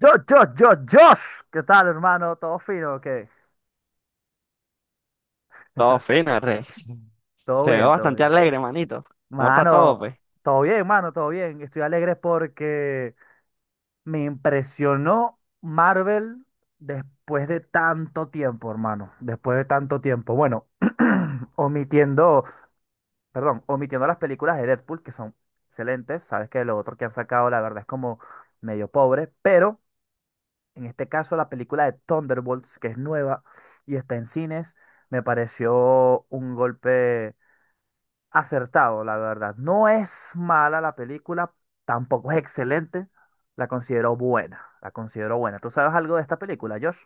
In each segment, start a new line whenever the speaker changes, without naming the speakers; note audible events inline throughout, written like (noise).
Yo, Josh, ¿qué tal, hermano? ¿Todo fino o qué?
Todo fino, rey.
Todo
Te veo
bien, todo
bastante
bien.
alegre, manito. ¿Cómo está todo,
Mano,
pues?
todo bien, mano, todo bien. Estoy alegre porque me impresionó Marvel después de tanto tiempo, hermano. Después de tanto tiempo. Bueno, (clears throat) omitiendo, perdón, omitiendo las películas de Deadpool, que son excelentes. Sabes que lo otro que han sacado, la verdad, es como medio pobre, pero en este caso, la película de Thunderbolts, que es nueva y está en cines, me pareció un golpe acertado, la verdad. No es mala la película, tampoco es excelente, la considero buena, la considero buena. ¿Tú sabes algo de esta película, Josh?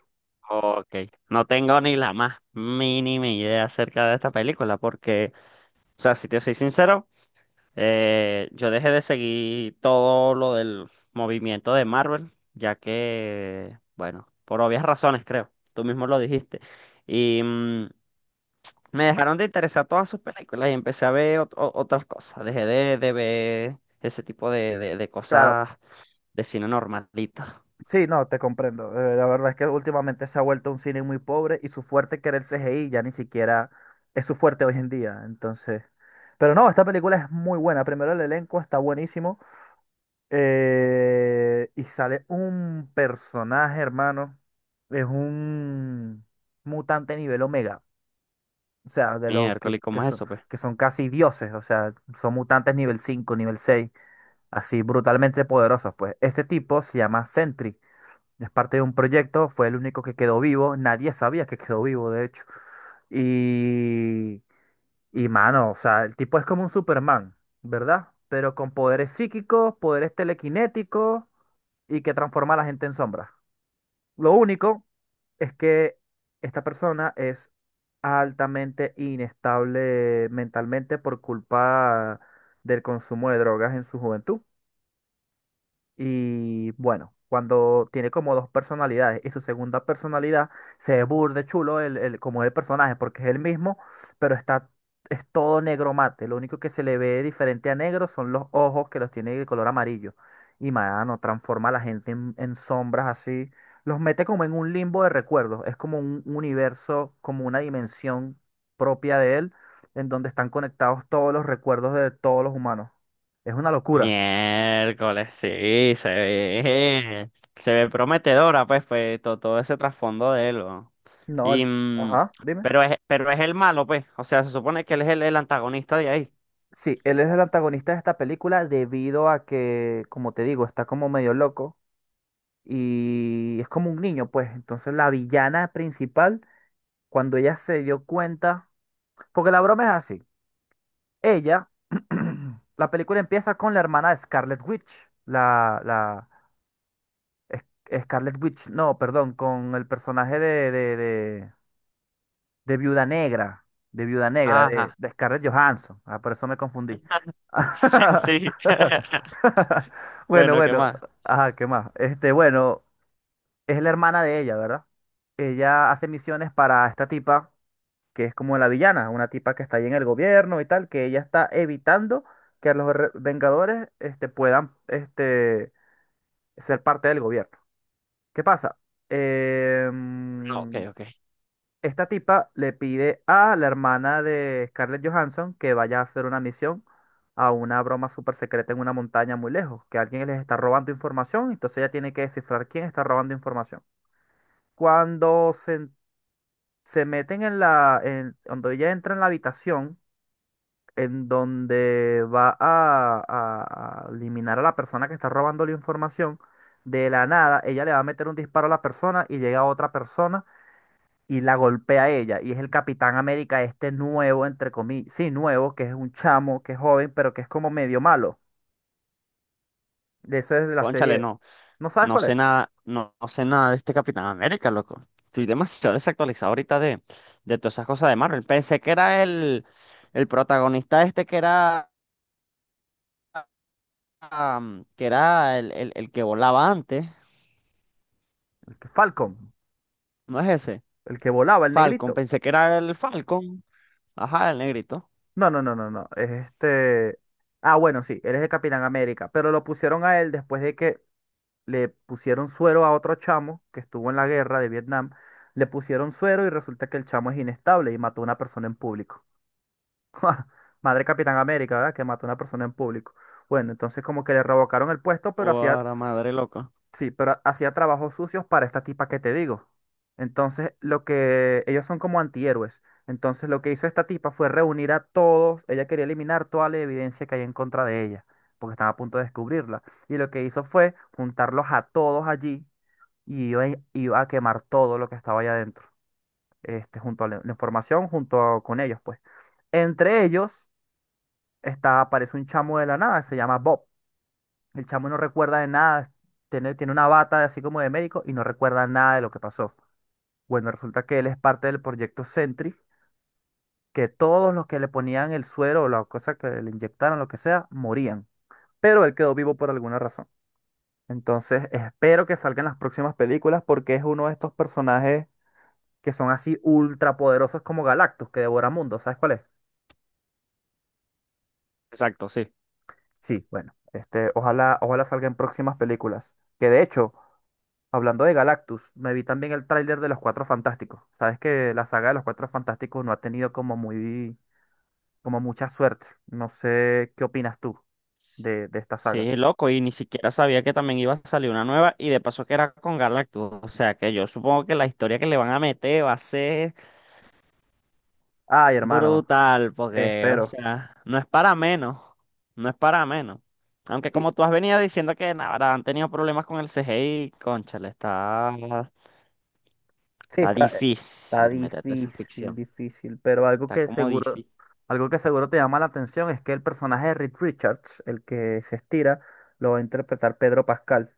Ok, no tengo ni la más mínima idea acerca de esta película, porque, o sea, si te soy sincero, yo dejé de seguir todo lo del movimiento de Marvel, ya que, bueno, por obvias razones, creo, tú mismo lo dijiste, y me dejaron de interesar todas sus películas y empecé a ver otras cosas, dejé de ver ese tipo de
Claro,
cosas de cine normalito.
sí, no, te comprendo. La verdad es que últimamente se ha vuelto un cine muy pobre y su fuerte que era el CGI ya ni siquiera es su fuerte hoy en día. Entonces, pero no, esta película es muy buena. Primero el elenco está buenísimo. Y sale un personaje, hermano. Es un mutante nivel Omega. O sea, de los
Miércoles, ¿cómo es eso, pues?
que son casi dioses. O sea, son mutantes nivel cinco, nivel seis. Así brutalmente poderosos, pues. Este tipo se llama Sentry. Es parte de un proyecto. Fue el único que quedó vivo. Nadie sabía que quedó vivo, de hecho. Y, y mano, o sea, el tipo es como un Superman, ¿verdad? Pero con poderes psíquicos, poderes telequinéticos, y que transforma a la gente en sombra. Lo único es que esta persona es altamente inestable mentalmente por culpa del consumo de drogas en su juventud. Y bueno, cuando tiene como dos personalidades y su segunda personalidad se ve burde chulo como el personaje, porque es el mismo, pero está, es todo negro mate. Lo único que se le ve diferente a negro son los ojos, que los tiene de color amarillo. Y mano, transforma a la gente en sombras así. Los mete como en un limbo de recuerdos. Es como un universo, como una dimensión propia de él, en donde están conectados todos los recuerdos de todos los humanos. Es una locura.
Miércoles, sí, se ve prometedora, pues, pues, todo, ese trasfondo de él, ¿no?
No,
Y,
el- ajá, dime.
pero es el malo, pues, o sea, se supone que él es el antagonista de ahí.
Sí, él es el antagonista de esta película debido a que, como te digo, está como medio loco y es como un niño, pues. Entonces la villana principal, cuando ella se dio cuenta, porque la broma es así, ella, (clears throat) la película empieza con la hermana de Scarlet Witch, es- Scarlet Witch, no, perdón, con el personaje de Viuda Negra, de Viuda Negra,
Ajá.
de Scarlett Johansson. Ah, por eso me confundí.
(laughs) Sí, sí.
(laughs)
(laughs)
Bueno,
Bueno, ¿qué
bueno,
más?
ajá, ¿qué más? Este, bueno, es la hermana de ella, ¿verdad? Ella hace misiones para esta tipa que es como la villana, una tipa que está ahí en el gobierno y tal, que ella está evitando que los Vengadores, este, puedan, este, ser parte del gobierno. ¿Qué pasa?
No, ok,
Em,
ok.
Esta tipa le pide a la hermana de Scarlett Johansson que vaya a hacer una misión a una broma súper secreta en una montaña muy lejos, que alguien les está robando información, entonces ella tiene que descifrar quién está robando información. Cuando se, en- se meten en cuando ella entra en la habitación en donde va a, a eliminar a la persona que está robando la información, de la nada ella le va a meter un disparo a la persona y llega otra persona y la golpea a ella. Y es el Capitán América este nuevo, entre comillas, sí, nuevo, que es un chamo, que es joven, pero que es como medio malo. De eso es de la
Cónchale,
serie.
no.
¿No sabes
No
cuál
sé
es?
nada, no, no sé nada de este Capitán América, loco. Estoy demasiado desactualizado ahorita de todas esas cosas de Marvel. Pensé que era el protagonista este que era, que era el que volaba antes.
El que Falcon,
¿No es ese?
el que volaba, el
Falcon.
negrito.
Pensé que era el Falcon. Ajá, el negrito.
No, no, no, no, no. Es este. Ah, bueno, sí, él es el Capitán América. Pero lo pusieron a él después de que le pusieron suero a otro chamo que estuvo en la guerra de Vietnam. Le pusieron suero y resulta que el chamo es inestable y mató a una persona en público. (laughs) Madre Capitán América, ¿verdad? Que mató a una persona en público. Bueno, entonces como que le revocaron el puesto, pero hacía,
Guara madre, loco.
sí, pero hacía trabajos sucios para esta tipa que te digo. Entonces, lo que ellos son como antihéroes. Entonces, lo que hizo esta tipa fue reunir a todos, ella quería eliminar toda la evidencia que hay en contra de ella, porque estaba a punto de descubrirla. Y lo que hizo fue juntarlos a todos allí y iba, iba a quemar todo lo que estaba allá adentro, este, junto a la información, junto con ellos, pues. Entre ellos está, aparece un chamo de la nada, se llama Bob. El chamo no recuerda de nada, tiene una bata así como de médico y no recuerda nada de lo que pasó. Bueno, resulta que él es parte del proyecto Sentry, que todos los que le ponían el suero o la cosa que le inyectaron, lo que sea, morían. Pero él quedó vivo por alguna razón. Entonces, espero que salgan las próximas películas porque es uno de estos personajes que son así ultra poderosos como Galactus, que devora mundos. ¿Sabes cuál es?
Exacto, sí.
Sí, bueno, este, ojalá, ojalá salgan próximas películas. Que de hecho, hablando de Galactus, me vi también el tráiler de Los Cuatro Fantásticos. Sabes que la saga de Los Cuatro Fantásticos no ha tenido como muy, como mucha suerte. No sé qué opinas tú
Sí,
de esta saga.
sí, loco. Y ni siquiera sabía que también iba a salir una nueva. Y de paso que era con Galactus. O sea que yo supongo que la historia que le van a meter va a ser
Ay, hermano,
brutal, porque, o
espero.
sea, no es para menos, no es para menos. Aunque
Sí,
como tú has venido diciendo que ahora han tenido problemas con el CGI, cónchale, está,
sí,
está
está, está
difícil meterte esa
difícil,
ficción.
difícil, pero
Está como difícil.
algo que seguro te llama la atención es que el personaje de Reed Richards, el que se estira, lo va a interpretar Pedro Pascal.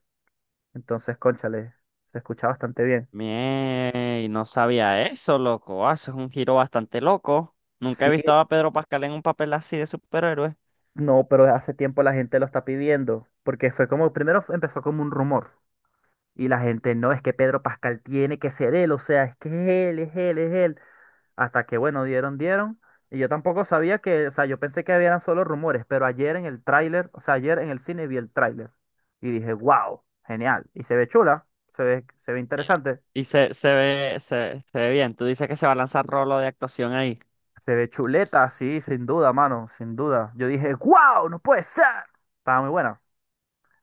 Entonces, cónchale, se escucha bastante bien.
Mie, no sabía eso, loco. Ah, eso es un giro bastante loco. Nunca he
Sí,
visto a Pedro Pascal en un papel así de superhéroe.
no, pero hace tiempo la gente lo está pidiendo, porque fue como, empezó como un rumor, y la gente, no, es que Pedro Pascal tiene que ser él, o sea, es que es él, es él, es él, hasta que bueno, dieron, y yo tampoco sabía que, o sea, yo pensé que eran solo rumores, pero ayer en el tráiler, o sea, ayer en el cine vi el tráiler, y dije, wow, genial, y se ve chula, se ve interesante,
Y se ve bien. Tú dices que se va a lanzar rolo de actuación ahí.
se ve chuleta, sí, sin duda, mano, sin duda, yo dije, wow, no puede ser, estaba muy buena.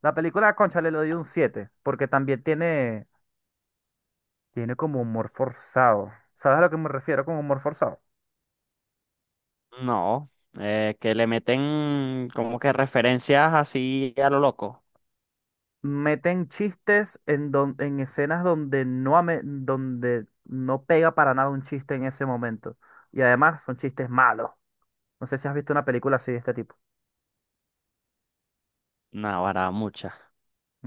La película, concha, le doy un 7 porque también tiene, tiene como humor forzado. ¿Sabes a lo que me refiero con humor forzado?
No, que le meten como que referencias así a lo loco.
Meten chistes en, en escenas donde no, donde no pega para nada un chiste en ese momento. Y además son chistes malos. No sé si has visto una película así de este tipo.
No, ahora muchas,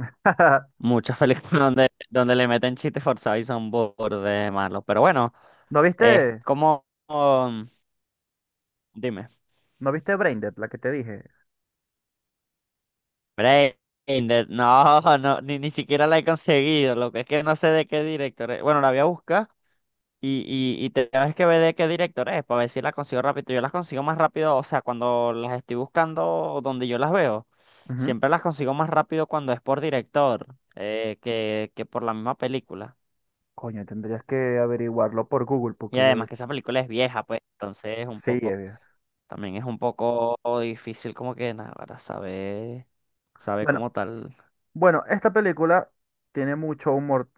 (laughs)
muchas películas (laughs) donde, donde le meten chistes forzados y son burde malos. Pero bueno,
¿No
es
viste,
como, dime,
no viste Braindead, la que te dije?
Braindead, (laughs) no, no, ni siquiera la he conseguido. Lo que es que no sé de qué director es. Bueno, la voy a buscar y, y te tienes que ver de qué director es para ver si las consigo rápido. Yo las consigo más rápido, o sea, cuando las estoy buscando o donde yo las veo,
Ujú.
siempre las consigo más rápido cuando es por director que por la misma película.
Coño, tendrías que averiguarlo por Google,
Y
porque yo...
además que esa película es vieja, pues, entonces es un
Sí,
poco, también es un poco difícil como que nada, para saber, saber
bueno,
cómo tal.
bueno, esta película tiene mucho humor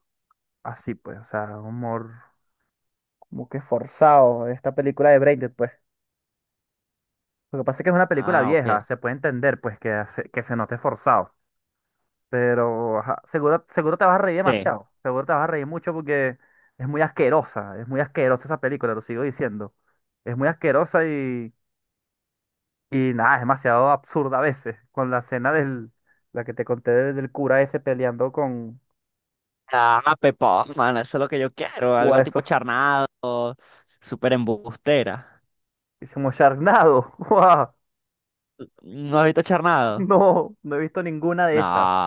así, pues, o sea, un humor como que forzado. Esta película de Braindead, pues. Lo que pasa es que es una película
Ah,
vieja,
ok.
se puede entender, pues, que se note forzado. Pero, ajá, seguro, seguro te vas a reír
Sí.
demasiado. Seguro te vas a reír mucho porque es muy asquerosa. Es muy asquerosa esa película, lo sigo diciendo. Es muy asquerosa y nada, es demasiado absurda a veces. Con la escena del, la que te conté del cura ese peleando con,
Ah, Pepón, mano, eso es lo que yo quiero,
o
algo tipo
eso,
charnado, súper embustera.
es como Sharknado. (laughs) ¡Guau!
¿No has visto charnado?
No, no he visto ninguna de
No,
esas.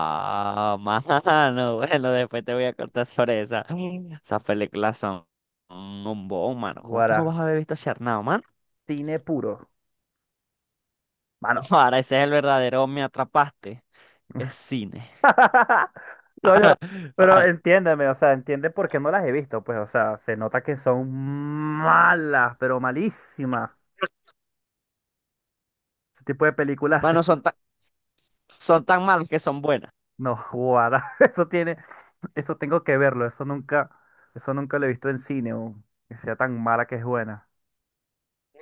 mano, (laughs) bueno, después te voy a contar sobre esa. Esas películas son un bombón, mano. ¿Cómo tú no
Guaratine
vas a haber visto Charnado, mano?
puro. Mano.
(laughs) Ahora ese es el verdadero Me Atrapaste. Es cine.
(laughs) Coño, pero
Ah,
entiéndeme, o sea, entiende por qué no las he visto, pues, o sea, se nota que son malas, pero malísimas. Ese tipo de películas,
mano,
(laughs) eso-
son tan malas que son buenas.
no, guara, (laughs) eso tengo que verlo, eso nunca lo he visto en cine, o que sea tan mala que es buena.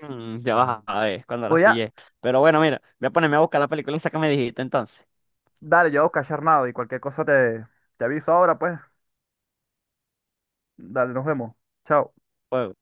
Mm, ya
La
vas
verdad.
a ver cuando las
Voy a,
pillé. Pero bueno, mira, voy a ponerme a buscar la película esa que me dijiste entonces.
dale, yo voy a buscar Sharknado y cualquier cosa te aviso ahora, pues, dale, nos vemos, chao.
Pues,